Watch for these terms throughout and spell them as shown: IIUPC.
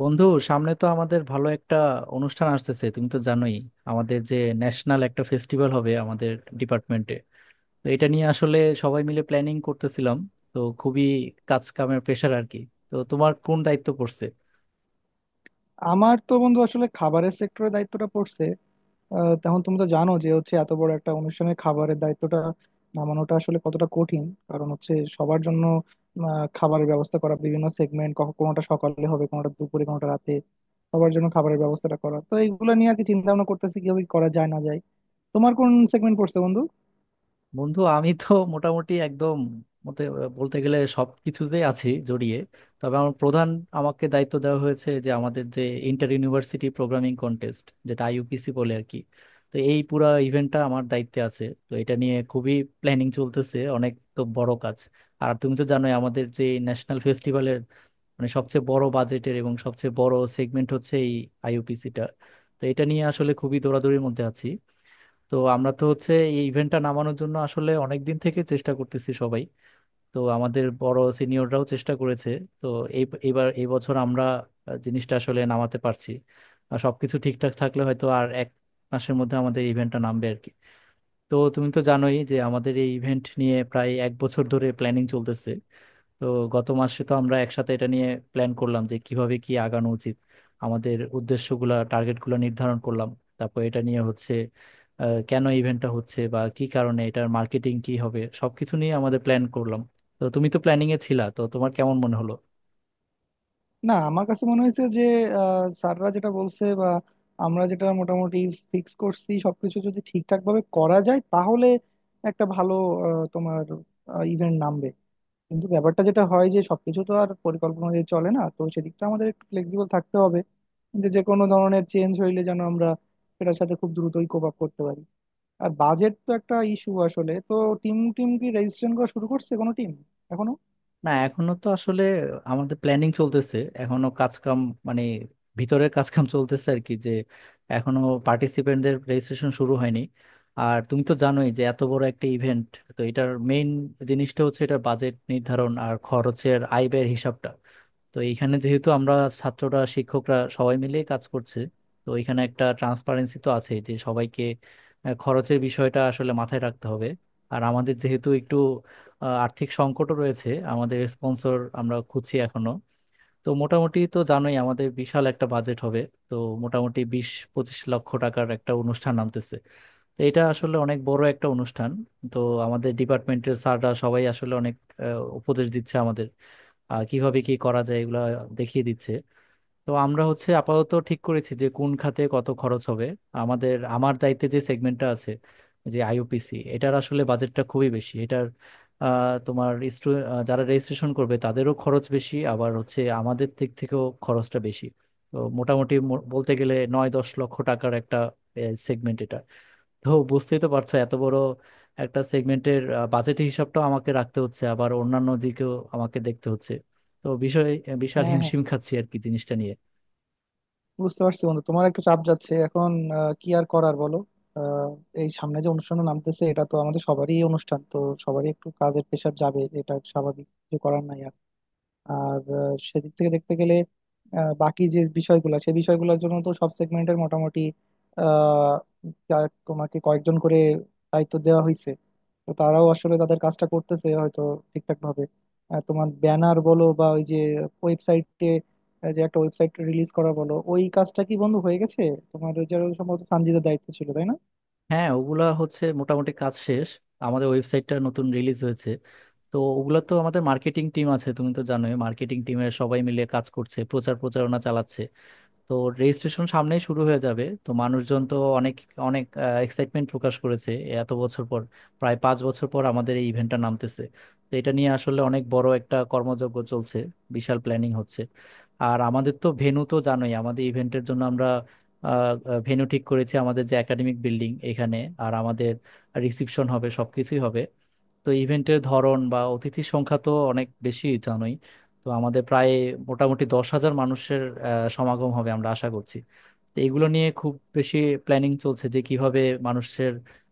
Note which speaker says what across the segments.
Speaker 1: বন্ধু, সামনে তো আমাদের ভালো একটা অনুষ্ঠান আসতেছে। তুমি তো জানোই আমাদের যে ন্যাশনাল একটা ফেস্টিভ্যাল হবে আমাদের ডিপার্টমেন্টে। তো এটা নিয়ে আসলে সবাই মিলে প্ল্যানিং করতেছিলাম। তো খুবই কাজ কামের প্রেশার আর কি। তো তোমার কোন দায়িত্ব পড়ছে?
Speaker 2: আমার তো বন্ধু আসলে খাবারের সেক্টরের দায়িত্বটা পড়ছে। তেমন তুমি তো জানো যে হচ্ছে এত বড় একটা অনুষ্ঠানে খাবারের দায়িত্বটা নামানোটা আসলে কতটা কঠিন। কারণ হচ্ছে সবার জন্য খাবারের ব্যবস্থা করা, বিভিন্ন সেগমেন্ট, কোনোটা সকালে হবে কোনোটা দুপুরে কোনোটা রাতে। সবার জন্য খাবারের ব্যবস্থাটা করা, তো এইগুলো নিয়ে আর কি চিন্তা ভাবনা করতেছি কিভাবে করা যায় না যায়। তোমার কোন সেগমেন্ট পড়ছে বন্ধু?
Speaker 1: বন্ধু, আমি তো মোটামুটি একদম মতে বলতে গেলে সব কিছুতেই আছি জড়িয়ে। তবে আমার প্রধান আমাকে দায়িত্ব দেওয়া হয়েছে যে আমাদের যে ইন্টার ইউনিভার্সিটি প্রোগ্রামিং কন্টেস্ট, যেটা আইইউপিসি বলে আর কি, তো এই পুরা ইভেন্টটা আমার দায়িত্বে আছে। তো এটা নিয়ে খুবই প্ল্যানিং চলতেছে, অনেক তো বড় কাজ। আর তুমি তো জানোই আমাদের যে ন্যাশনাল ফেস্টিভ্যালের মানে সবচেয়ে বড় বাজেটের এবং সবচেয়ে বড় সেগমেন্ট হচ্ছে এই আইইউপিসিটা। তো এটা নিয়ে আসলে খুবই দৌড়াদৌড়ির মধ্যে আছি। তো আমরা তো হচ্ছে এই ইভেন্টটা নামানোর জন্য আসলে অনেক দিন থেকে চেষ্টা করতেছি সবাই। তো আমাদের বড় সিনিয়ররাও চেষ্টা করেছে। তো এবার এই বছর আমরা জিনিসটা আসলে নামাতে পারছি। আর সবকিছু ঠিকঠাক থাকলে হয়তো আর এক মাসের মধ্যে আমাদের ইভেন্টটা নামবে আর কি। তো তুমি তো জানোই যে আমাদের এই ইভেন্ট নিয়ে প্রায় এক বছর ধরে প্ল্যানিং চলতেছে। তো গত মাসে তো আমরা একসাথে এটা নিয়ে প্ল্যান করলাম যে কিভাবে কি আগানো উচিত, আমাদের উদ্দেশ্যগুলা টার্গেটগুলো নির্ধারণ করলাম। তারপর এটা নিয়ে হচ্ছে কেন ইভেন্টটা হচ্ছে বা কি কারণে, এটার মার্কেটিং কি হবে সবকিছু নিয়ে আমাদের প্ল্যান করলাম। তো তুমি তো প্ল্যানিং এ ছিলা, তো তোমার কেমন মনে হলো?
Speaker 2: না, আমার কাছে মনে হয়েছে যে স্যাররা যেটা বলছে বা আমরা যেটা মোটামুটি ফিক্স করছি সবকিছু যদি ঠিকঠাক ভাবে করা যায় তাহলে একটা ভালো তোমার ইভেন্ট নামবে। কিন্তু ব্যাপারটা যেটা হয় যে সবকিছু তো আর পরিকল্পনা অনুযায়ী চলে না, তো সেদিকটা আমাদের একটু ফ্লেক্সিবল থাকতে হবে যে যে কোনো ধরনের চেঞ্জ হইলে যেন আমরা সেটার সাথে খুব দ্রুতই কোপ আপ করতে পারি। আর বাজেট তো একটা ইস্যু আসলে। তো টিম টিম কি রেজিস্ট্রেশন করা শুরু করছে কোনো টিম এখনো?
Speaker 1: না, এখনো তো আসলে আমাদের প্ল্যানিং চলতেছে। এখনো কাজ কাম মানে ভিতরের কাজ কাম চলতেছে আর কি, যে এখনো পার্টিসিপেন্টদের রেজিস্ট্রেশন শুরু হয়নি। আর তুমি তো জানোই যে এত বড় একটা ইভেন্ট, তো এটার মেইন জিনিসটা হচ্ছে এটার বাজেট নির্ধারণ আর খরচের আয় ব্যয়ের হিসাবটা। তো এইখানে যেহেতু আমরা ছাত্ররা শিক্ষকরা সবাই মিলে কাজ করছে, তো এখানে একটা ট্রান্সপারেন্সি তো আছে যে সবাইকে খরচের বিষয়টা আসলে মাথায় রাখতে হবে। আর আমাদের যেহেতু একটু আর্থিক সংকটও রয়েছে, আমাদের স্পন্সর আমরা খুঁজছি এখনো। তো মোটামুটি তো জানোই আমাদের বিশাল একটা বাজেট হবে। তো মোটামুটি 20-25 লক্ষ টাকার একটা অনুষ্ঠান নামতেছে। তো এটা আসলে অনেক বড় একটা অনুষ্ঠান। তো আমাদের ডিপার্টমেন্টের স্যাররা সবাই আসলে অনেক উপদেশ দিচ্ছে আমাদের, কিভাবে কি করা যায় এগুলা দেখিয়ে দিচ্ছে। তো আমরা হচ্ছে আপাতত ঠিক করেছি যে কোন খাতে কত খরচ হবে। আমাদের আমার দায়িত্বে যে সেগমেন্টটা আছে, যে আইইউপিসি, এটার আসলে বাজেটটা খুবই বেশি এটার। আহ, তোমার স্টু আহ, যারা রেজিস্ট্রেশন করবে তাদেরও খরচ বেশি, আবার হচ্ছে আমাদের দিক থেকেও খরচটা বেশি। তো মোটামুটি বলতে গেলে 9-10 লক্ষ টাকার একটা সেগমেন্ট এটা। তো বুঝতেই তো পারছো এত বড় একটা সেগমেন্টের বাজেট হিসাবটাও আমাকে রাখতে হচ্ছে, আবার অন্যান্য দিকেও আমাকে দেখতে হচ্ছে। তো বিষয় বিশাল
Speaker 2: হ্যাঁ, হ্যাঁ,
Speaker 1: হিমশিম খাচ্ছি আর কি জিনিসটা নিয়ে।
Speaker 2: বুঝতে পারছি বন্ধু, তোমার একটু চাপ যাচ্ছে এখন। কি আর করার বলো। আহ, এই সামনে যে অনুষ্ঠান নামতেছে এটা তো আমাদের সবারই অনুষ্ঠান, তো সবারই একটু কাজের প্রেশার যাবে, এটা স্বাভাবিক, কিছু করার নাই। আর সেদিক থেকে দেখতে গেলে বাকি যে বিষয়গুলো সেই বিষয়গুলোর জন্য তো সব সেগমেন্টের মোটামুটি আহ, তোমাকে কয়েকজন করে দায়িত্ব দেওয়া হয়েছে। তো তারাও আসলে তাদের কাজটা করতেছে হয়তো ঠিকঠাক ভাবে। তোমার ব্যানার বলো বা ওই যে ওয়েবসাইটে, যে একটা ওয়েবসাইট রিলিজ করা বলো, ওই কাজটা কি বন্ধু হয়ে গেছে? তোমার ওই যে সম্ভবত সানজিদের দায়িত্ব ছিল তাই
Speaker 1: হ্যাঁ, ওগুলা হচ্ছে মোটামুটি কাজ শেষ। আমাদের ওয়েবসাইটটা নতুন রিলিজ হয়েছে। তো ওগুলা তো আমাদের মার্কেটিং টিম আছে, তুমি তো জানোই, মার্কেটিং টিমের সবাই মিলে কাজ করছে, প্রচার প্রচারণা চালাচ্ছে। তো রেজিস্ট্রেশন সামনেই শুরু হয়ে যাবে। তো মানুষজন তো অনেক অনেক এক্সাইটমেন্ট প্রকাশ করেছে। এত বছর পর, প্রায় 5 বছর পর আমাদের এই ইভেন্টটা নামতেছে। তো এটা নিয়ে আসলে অনেক বড় একটা কর্মযজ্ঞ চলছে, বিশাল প্ল্যানিং হচ্ছে। আর আমাদের তো ভেন্যু তো জানোই আমাদের ইভেন্টের জন্য আমরা ভেন্যু ঠিক করেছি, আমাদের যে একাডেমিক বিল্ডিং এখানে। আর আমাদের রিসিপশন হবে, সবকিছুই হবে। তো ইভেন্টের ধরন বা অতিথির সংখ্যা তো অনেক বেশি জানোই। তো আমাদের প্রায় মোটামুটি 10,000 মানুষের সমাগম হবে আমরা আশা করছি। তো এগুলো নিয়ে খুব বেশি প্ল্যানিং চলছে যে কিভাবে মানুষের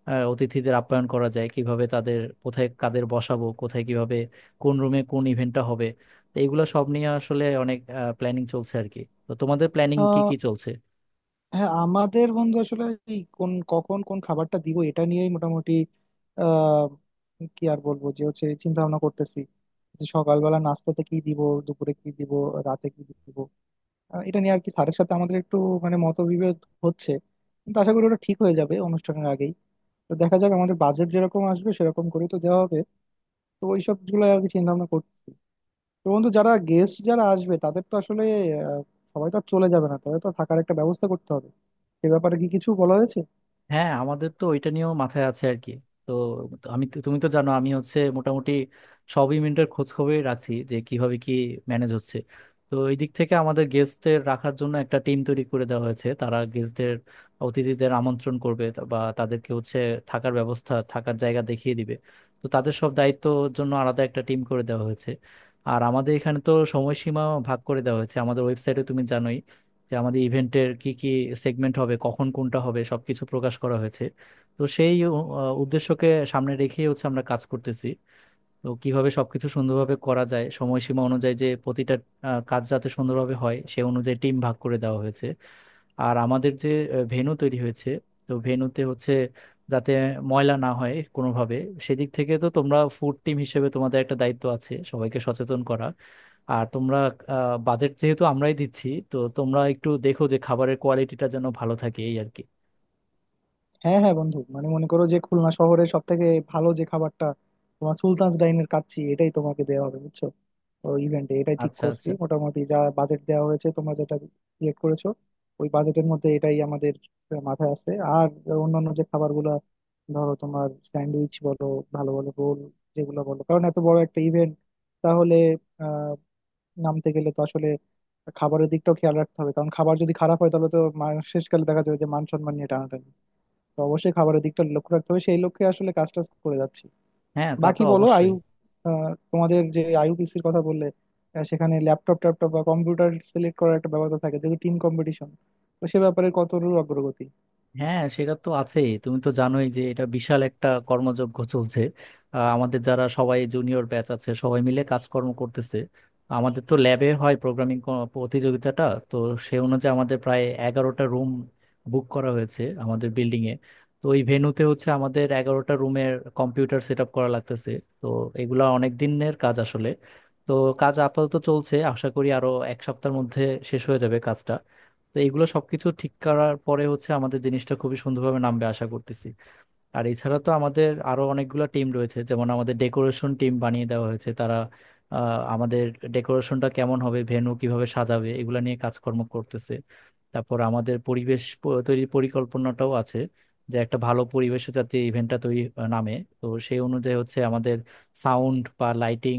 Speaker 1: অতিথিদের আপ্যায়ন করা যায়, কিভাবে তাদের কোথায়, কাদের বসাবো কোথায়, কিভাবে কোন রুমে কোন ইভেন্টটা হবে। তো এগুলো সব নিয়ে আসলে অনেক প্ল্যানিং চলছে আর কি। তো তোমাদের প্ল্যানিং কি
Speaker 2: না?
Speaker 1: কি চলছে?
Speaker 2: হ্যাঁ আমাদের বন্ধু আসলে এই কোন কখন কোন খাবারটা দিব এটা নিয়েই মোটামুটি আহ কি আর বলবো, যে হচ্ছে চিন্তা ভাবনা করতেছি যে সকালবেলা নাস্তাতে কি দিব, দুপুরে কি দিব, রাতে কি দিব। এটা নিয়ে আর কি স্যারের সাথে আমাদের একটু মানে মতবিভেদ হচ্ছে। কিন্তু আশা করি ওটা ঠিক হয়ে যাবে অনুষ্ঠানের আগেই। তো দেখা যাক আমাদের বাজেট যেরকম আসবে সেরকম করে তো দেওয়া হবে। তো ওইসব গুলো আর কি চিন্তা ভাবনা করছি। তো বন্ধু যারা গেস্ট যারা আসবে তাদের তো আসলে আহ, সবাই তো আর চলে যাবে না, তাদের তো থাকার একটা ব্যবস্থা করতে হবে। এ ব্যাপারে কি কিছু বলা হয়েছে?
Speaker 1: হ্যাঁ, আমাদের তো ওইটা নিয়েও মাথায় আছে আর কি। তো তো আমি তুমি তো জানো আমি হচ্ছে মোটামুটি সব ইভেন্টের খোঁজ খবরই রাখছি যে কিভাবে কি ম্যানেজ হচ্ছে। তো এই দিক থেকে আমাদের গেস্টদের রাখার জন্য একটা টিম তৈরি করে দেওয়া হয়েছে। তারা গেস্টদের অতিথিদের আমন্ত্রণ করবে বা তাদেরকে হচ্ছে থাকার ব্যবস্থা, থাকার জায়গা দেখিয়ে দিবে। তো তাদের সব দায়িত্বর জন্য আলাদা একটা টিম করে দেওয়া হয়েছে। আর আমাদের এখানে তো সময়সীমা ভাগ করে দেওয়া হয়েছে আমাদের ওয়েবসাইটে, তুমি জানোই, যে আমাদের ইভেন্টের কি কি সেগমেন্ট হবে, কখন কোনটা হবে, সবকিছু প্রকাশ করা হয়েছে। তো সেই উদ্দেশ্যকে সামনে রেখে হচ্ছে আমরা কাজ করতেছি। তো কিভাবে সবকিছু সুন্দরভাবে করা যায়, সময়সীমা অনুযায়ী যে প্রতিটা কাজ যাতে সুন্দরভাবে হয় সে অনুযায়ী টিম ভাগ করে দেওয়া হয়েছে। আর আমাদের যে ভেনু তৈরি হয়েছে, তো ভেনুতে হচ্ছে যাতে ময়লা না হয় কোনোভাবে। সেদিক থেকে তো তোমরা ফুড টিম হিসেবে তোমাদের একটা দায়িত্ব আছে সবাইকে সচেতন করা। আর তোমরা বাজেট যেহেতু আমরাই দিচ্ছি, তো তোমরা একটু দেখো যে খাবারের কোয়ালিটিটা যেন ভালো থাকে, এই আর কি।
Speaker 2: হ্যাঁ, হ্যাঁ, বন্ধু, মানে মনে করো যে খুলনা শহরের সব থেকে ভালো যে খাবারটা, তোমার সুলতানস ডাইনের কাচ্চি, এটাই তোমাকে দেওয়া হবে বুঝছো। তো ইভেন্টে এটাই ঠিক
Speaker 1: আচ্ছা
Speaker 2: করছি,
Speaker 1: আচ্ছা।
Speaker 2: মোটামুটি যা বাজেট দেওয়া হয়েছে তোমরা যেটা সিলেক্ট করেছো ওই বাজেটের মধ্যে এটাই আমাদের মাথায় আছে। আর অন্যান্য যে খাবারগুলো ধরো তোমার স্যান্ডউইচ বলো, ভালো ভালো রোল যেগুলো বলো, কারণ এত বড় একটা ইভেন্ট তাহলে নামতে গেলে তো আসলে খাবারের দিকটাও খেয়াল রাখতে হবে, কারণ খাবার যদি খারাপ হয় তাহলে তো শেষকালে দেখা যাবে যে মান সম্মান নিয়ে টানাটানি। তো অবশ্যই খাবারের দিকটা লক্ষ্য রাখতে হবে, সেই লক্ষ্যে আসলে কাজ টাজ করে যাচ্ছি।
Speaker 1: হ্যাঁ, তা তো
Speaker 2: বাকি বলো
Speaker 1: অবশ্যই।
Speaker 2: তোমাদের যে আইইউপিসির কথা বললে, সেখানে ল্যাপটপ ট্যাপটপ বা কম্পিউটার সিলেক্ট করার একটা ব্যাপার তো থাকে যেহেতু টিম কম্পিটিশন। তো সে ব্যাপারে কতটুকু অগ্রগতি?
Speaker 1: হ্যাঁ, সেটা তো আছেই। তুমি তো জানোই যে এটা বিশাল একটা কর্মযজ্ঞ চলছে। আমাদের যারা সবাই জুনিয়র ব্যাচ আছে সবাই মিলে কাজকর্ম করতেছে। আমাদের তো ল্যাবে হয় প্রোগ্রামিং প্রতিযোগিতাটা। তো সে অনুযায়ী আমাদের প্রায় 11টা রুম বুক করা হয়েছে আমাদের বিল্ডিং এ। তো ওই ভেন্যুতে হচ্ছে আমাদের 11টা রুমের কম্পিউটার সেট আপ করা লাগতেছে। তো এগুলা অনেক দিনের কাজ আসলে। তো কাজ আপাতত চলছে, আশা করি আরো এক সপ্তাহের মধ্যে শেষ হয়ে যাবে কাজটা। তো এগুলো সবকিছু ঠিক করার পরে হচ্ছে আমাদের জিনিসটা খুবই সুন্দরভাবে নামবে আশা করতেছি। আর এছাড়া তো আমাদের আরো অনেকগুলো টিম রয়েছে, যেমন আমাদের ডেকোরেশন টিম বানিয়ে দেওয়া হয়েছে। তারা আমাদের ডেকোরেশনটা কেমন হবে, ভেন্যু কিভাবে সাজাবে এগুলা নিয়ে কাজকর্ম করতেছে। তারপর আমাদের পরিবেশ তৈরির পরিকল্পনাটাও আছে যে একটা ভালো পরিবেশে যাতে ইভেন্টটা তৈরি নামে। তো সেই অনুযায়ী হচ্ছে আমাদের সাউন্ড বা লাইটিং,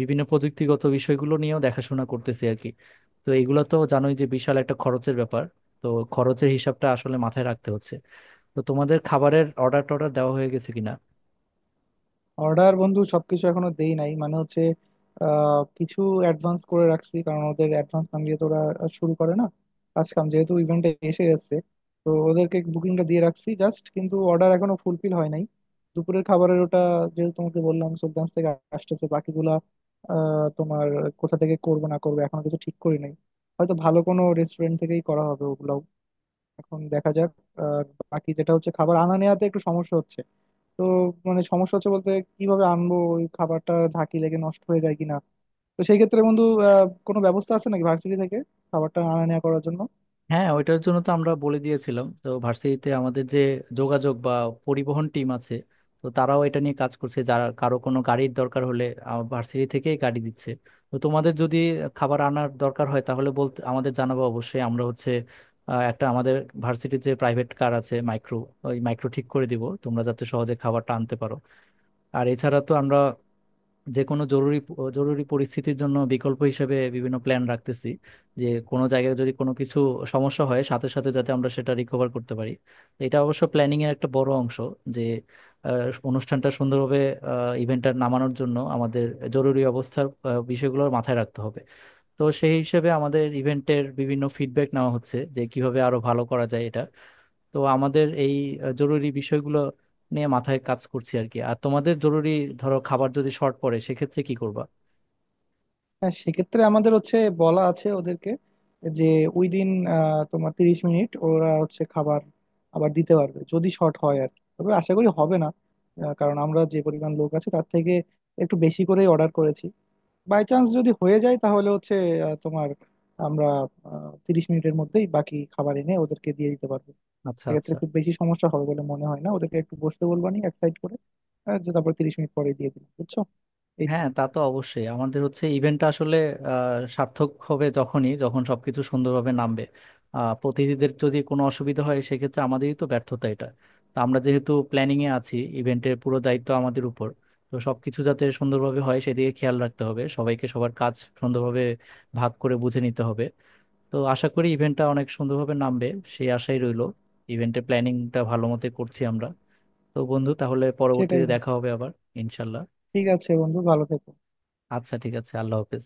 Speaker 1: বিভিন্ন প্রযুক্তিগত বিষয়গুলো নিয়েও দেখাশোনা করতেছি আর কি। তো এগুলো তো জানোই যে বিশাল একটা খরচের ব্যাপার। তো খরচের হিসাবটা আসলে মাথায় রাখতে হচ্ছে। তো তোমাদের খাবারের অর্ডার টর্ডার দেওয়া হয়ে গেছে কিনা?
Speaker 2: অর্ডার বন্ধু সবকিছু এখনো দেই নাই, মানে হচ্ছে কিছু অ্যাডভান্স করে রাখছি কারণ ওদের অ্যাডভান্স না দিয়ে তো ওরা শুরু করে না। কাজ কাম যেহেতু ইভেন্টে এসে গেছে তো ওদেরকে বুকিংটা দিয়ে রাখছি জাস্ট, কিন্তু অর্ডার এখনো ফুলফিল হয় নাই। দুপুরের খাবারের ওটা যেহেতু তোমাকে বললাম সুলতান থেকে আসতেছে। বাকিগুলা তোমার কোথা থেকে করবো না করবো এখনো কিছু ঠিক করি নাই। হয়তো ভালো কোনো রেস্টুরেন্ট থেকেই করা হবে ওগুলো। এখন দেখা যাক। আর বাকি যেটা হচ্ছে খাবার আনা নেওয়াতে একটু সমস্যা হচ্ছে। তো মানে সমস্যা হচ্ছে বলতে, কিভাবে আনবো ওই খাবারটা, ঝাঁকি লেগে নষ্ট হয়ে যায় কিনা। তো সেই ক্ষেত্রে বন্ধু কোনো ব্যবস্থা আছে নাকি ভার্সিটি থেকে খাবারটা আনা নেওয়া করার জন্য?
Speaker 1: হ্যাঁ, ওইটার জন্য তো আমরা বলে দিয়েছিলাম তো ভার্সিটিতে আমাদের যে যোগাযোগ বা পরিবহন টিম আছে। তো তারাও এটা নিয়ে কাজ করছে, যারা কারো কোনো গাড়ির দরকার হলে ভার্সিটি থেকেই গাড়ি দিচ্ছে। তো তোমাদের যদি খাবার আনার দরকার হয় তাহলে বলতে আমাদের জানাবো, অবশ্যই আমরা হচ্ছে একটা আমাদের ভার্সিটির যে প্রাইভেট কার আছে মাইক্রো, ওই মাইক্রো ঠিক করে দিব তোমরা যাতে সহজে খাবারটা আনতে পারো। আর এছাড়া তো আমরা যে কোনো জরুরি জরুরি পরিস্থিতির জন্য বিকল্প হিসেবে বিভিন্ন প্ল্যান রাখতেছি, যে কোনো জায়গায় যদি কোনো কিছু সমস্যা হয় সাথে সাথে যাতে আমরা সেটা রিকভার করতে পারি। তো এটা অবশ্য প্ল্যানিং এর একটা বড় অংশ যে অনুষ্ঠানটা সুন্দরভাবে ইভেন্টটা নামানোর জন্য আমাদের জরুরি অবস্থার বিষয়গুলো মাথায় রাখতে হবে। তো সেই হিসেবে আমাদের ইভেন্টের বিভিন্ন ফিডব্যাক নেওয়া হচ্ছে যে কিভাবে আরো ভালো করা যায় এটা। তো আমাদের এই জরুরি বিষয়গুলো নিয়ে মাথায় কাজ করছি আর কি। আর তোমাদের জরুরি, ধরো খাবার যদি শর্ট পড়ে সেক্ষেত্রে কি করবা?
Speaker 2: হ্যাঁ, সেক্ষেত্রে আমাদের হচ্ছে বলা আছে ওদেরকে যে ওই দিন তোমার 30 মিনিট ওরা হচ্ছে খাবার আবার দিতে পারবে যদি শর্ট হয় আর কি। তবে আশা করি হবে না। কারণ আমরা যে পরিমাণ লোক আছে তার থেকে একটু বেশি করেই অর্ডার করেছি। বাই চান্স যদি হয়ে যায় তাহলে হচ্ছে আহ, তোমার আমরা 30 মিনিটের মধ্যেই বাকি খাবার এনে ওদেরকে দিয়ে দিতে পারবো।
Speaker 1: আচ্ছা
Speaker 2: সেক্ষেত্রে
Speaker 1: আচ্ছা।
Speaker 2: খুব বেশি সমস্যা হবে বলে মনে হয় না, ওদেরকে একটু বসতে বলবানি এক সাইড করে। যে তারপর 30 মিনিট পরে দিয়ে দিলাম বুঝছো, এই তো।
Speaker 1: হ্যাঁ, তা তো অবশ্যই। আমাদের হচ্ছে ইভেন্টটা আসলে সার্থক হবে যখনই, যখন সবকিছু সুন্দরভাবে নামবে। প্রতিনিধিদের যদি কোনো অসুবিধা হয় সেক্ষেত্রে আমাদেরই তো ব্যর্থতা এটা। তো আমরা যেহেতু প্ল্যানিং এ আছি, ইভেন্টের পুরো দায়িত্ব আমাদের উপর। তো সবকিছু যাতে সুন্দরভাবে হয় সেদিকে খেয়াল রাখতে হবে সবাইকে, সবার কাজ সুন্দরভাবে ভাগ করে বুঝে নিতে হবে। তো আশা করি ইভেন্টটা অনেক সুন্দরভাবে নামবে, সেই আশাই রইলো। ইভেন্টের প্ল্যানিংটা ভালো মতো করছি আমরা। তো বন্ধু, তাহলে
Speaker 2: সেটাই
Speaker 1: পরবর্তীতে
Speaker 2: বন্ধু।
Speaker 1: দেখা হবে আবার। ইনশাল্লাহ।
Speaker 2: ঠিক আছে বন্ধু ভালো থেকো।
Speaker 1: আচ্ছা, ঠিক আছে, আল্লাহ হাফেজ।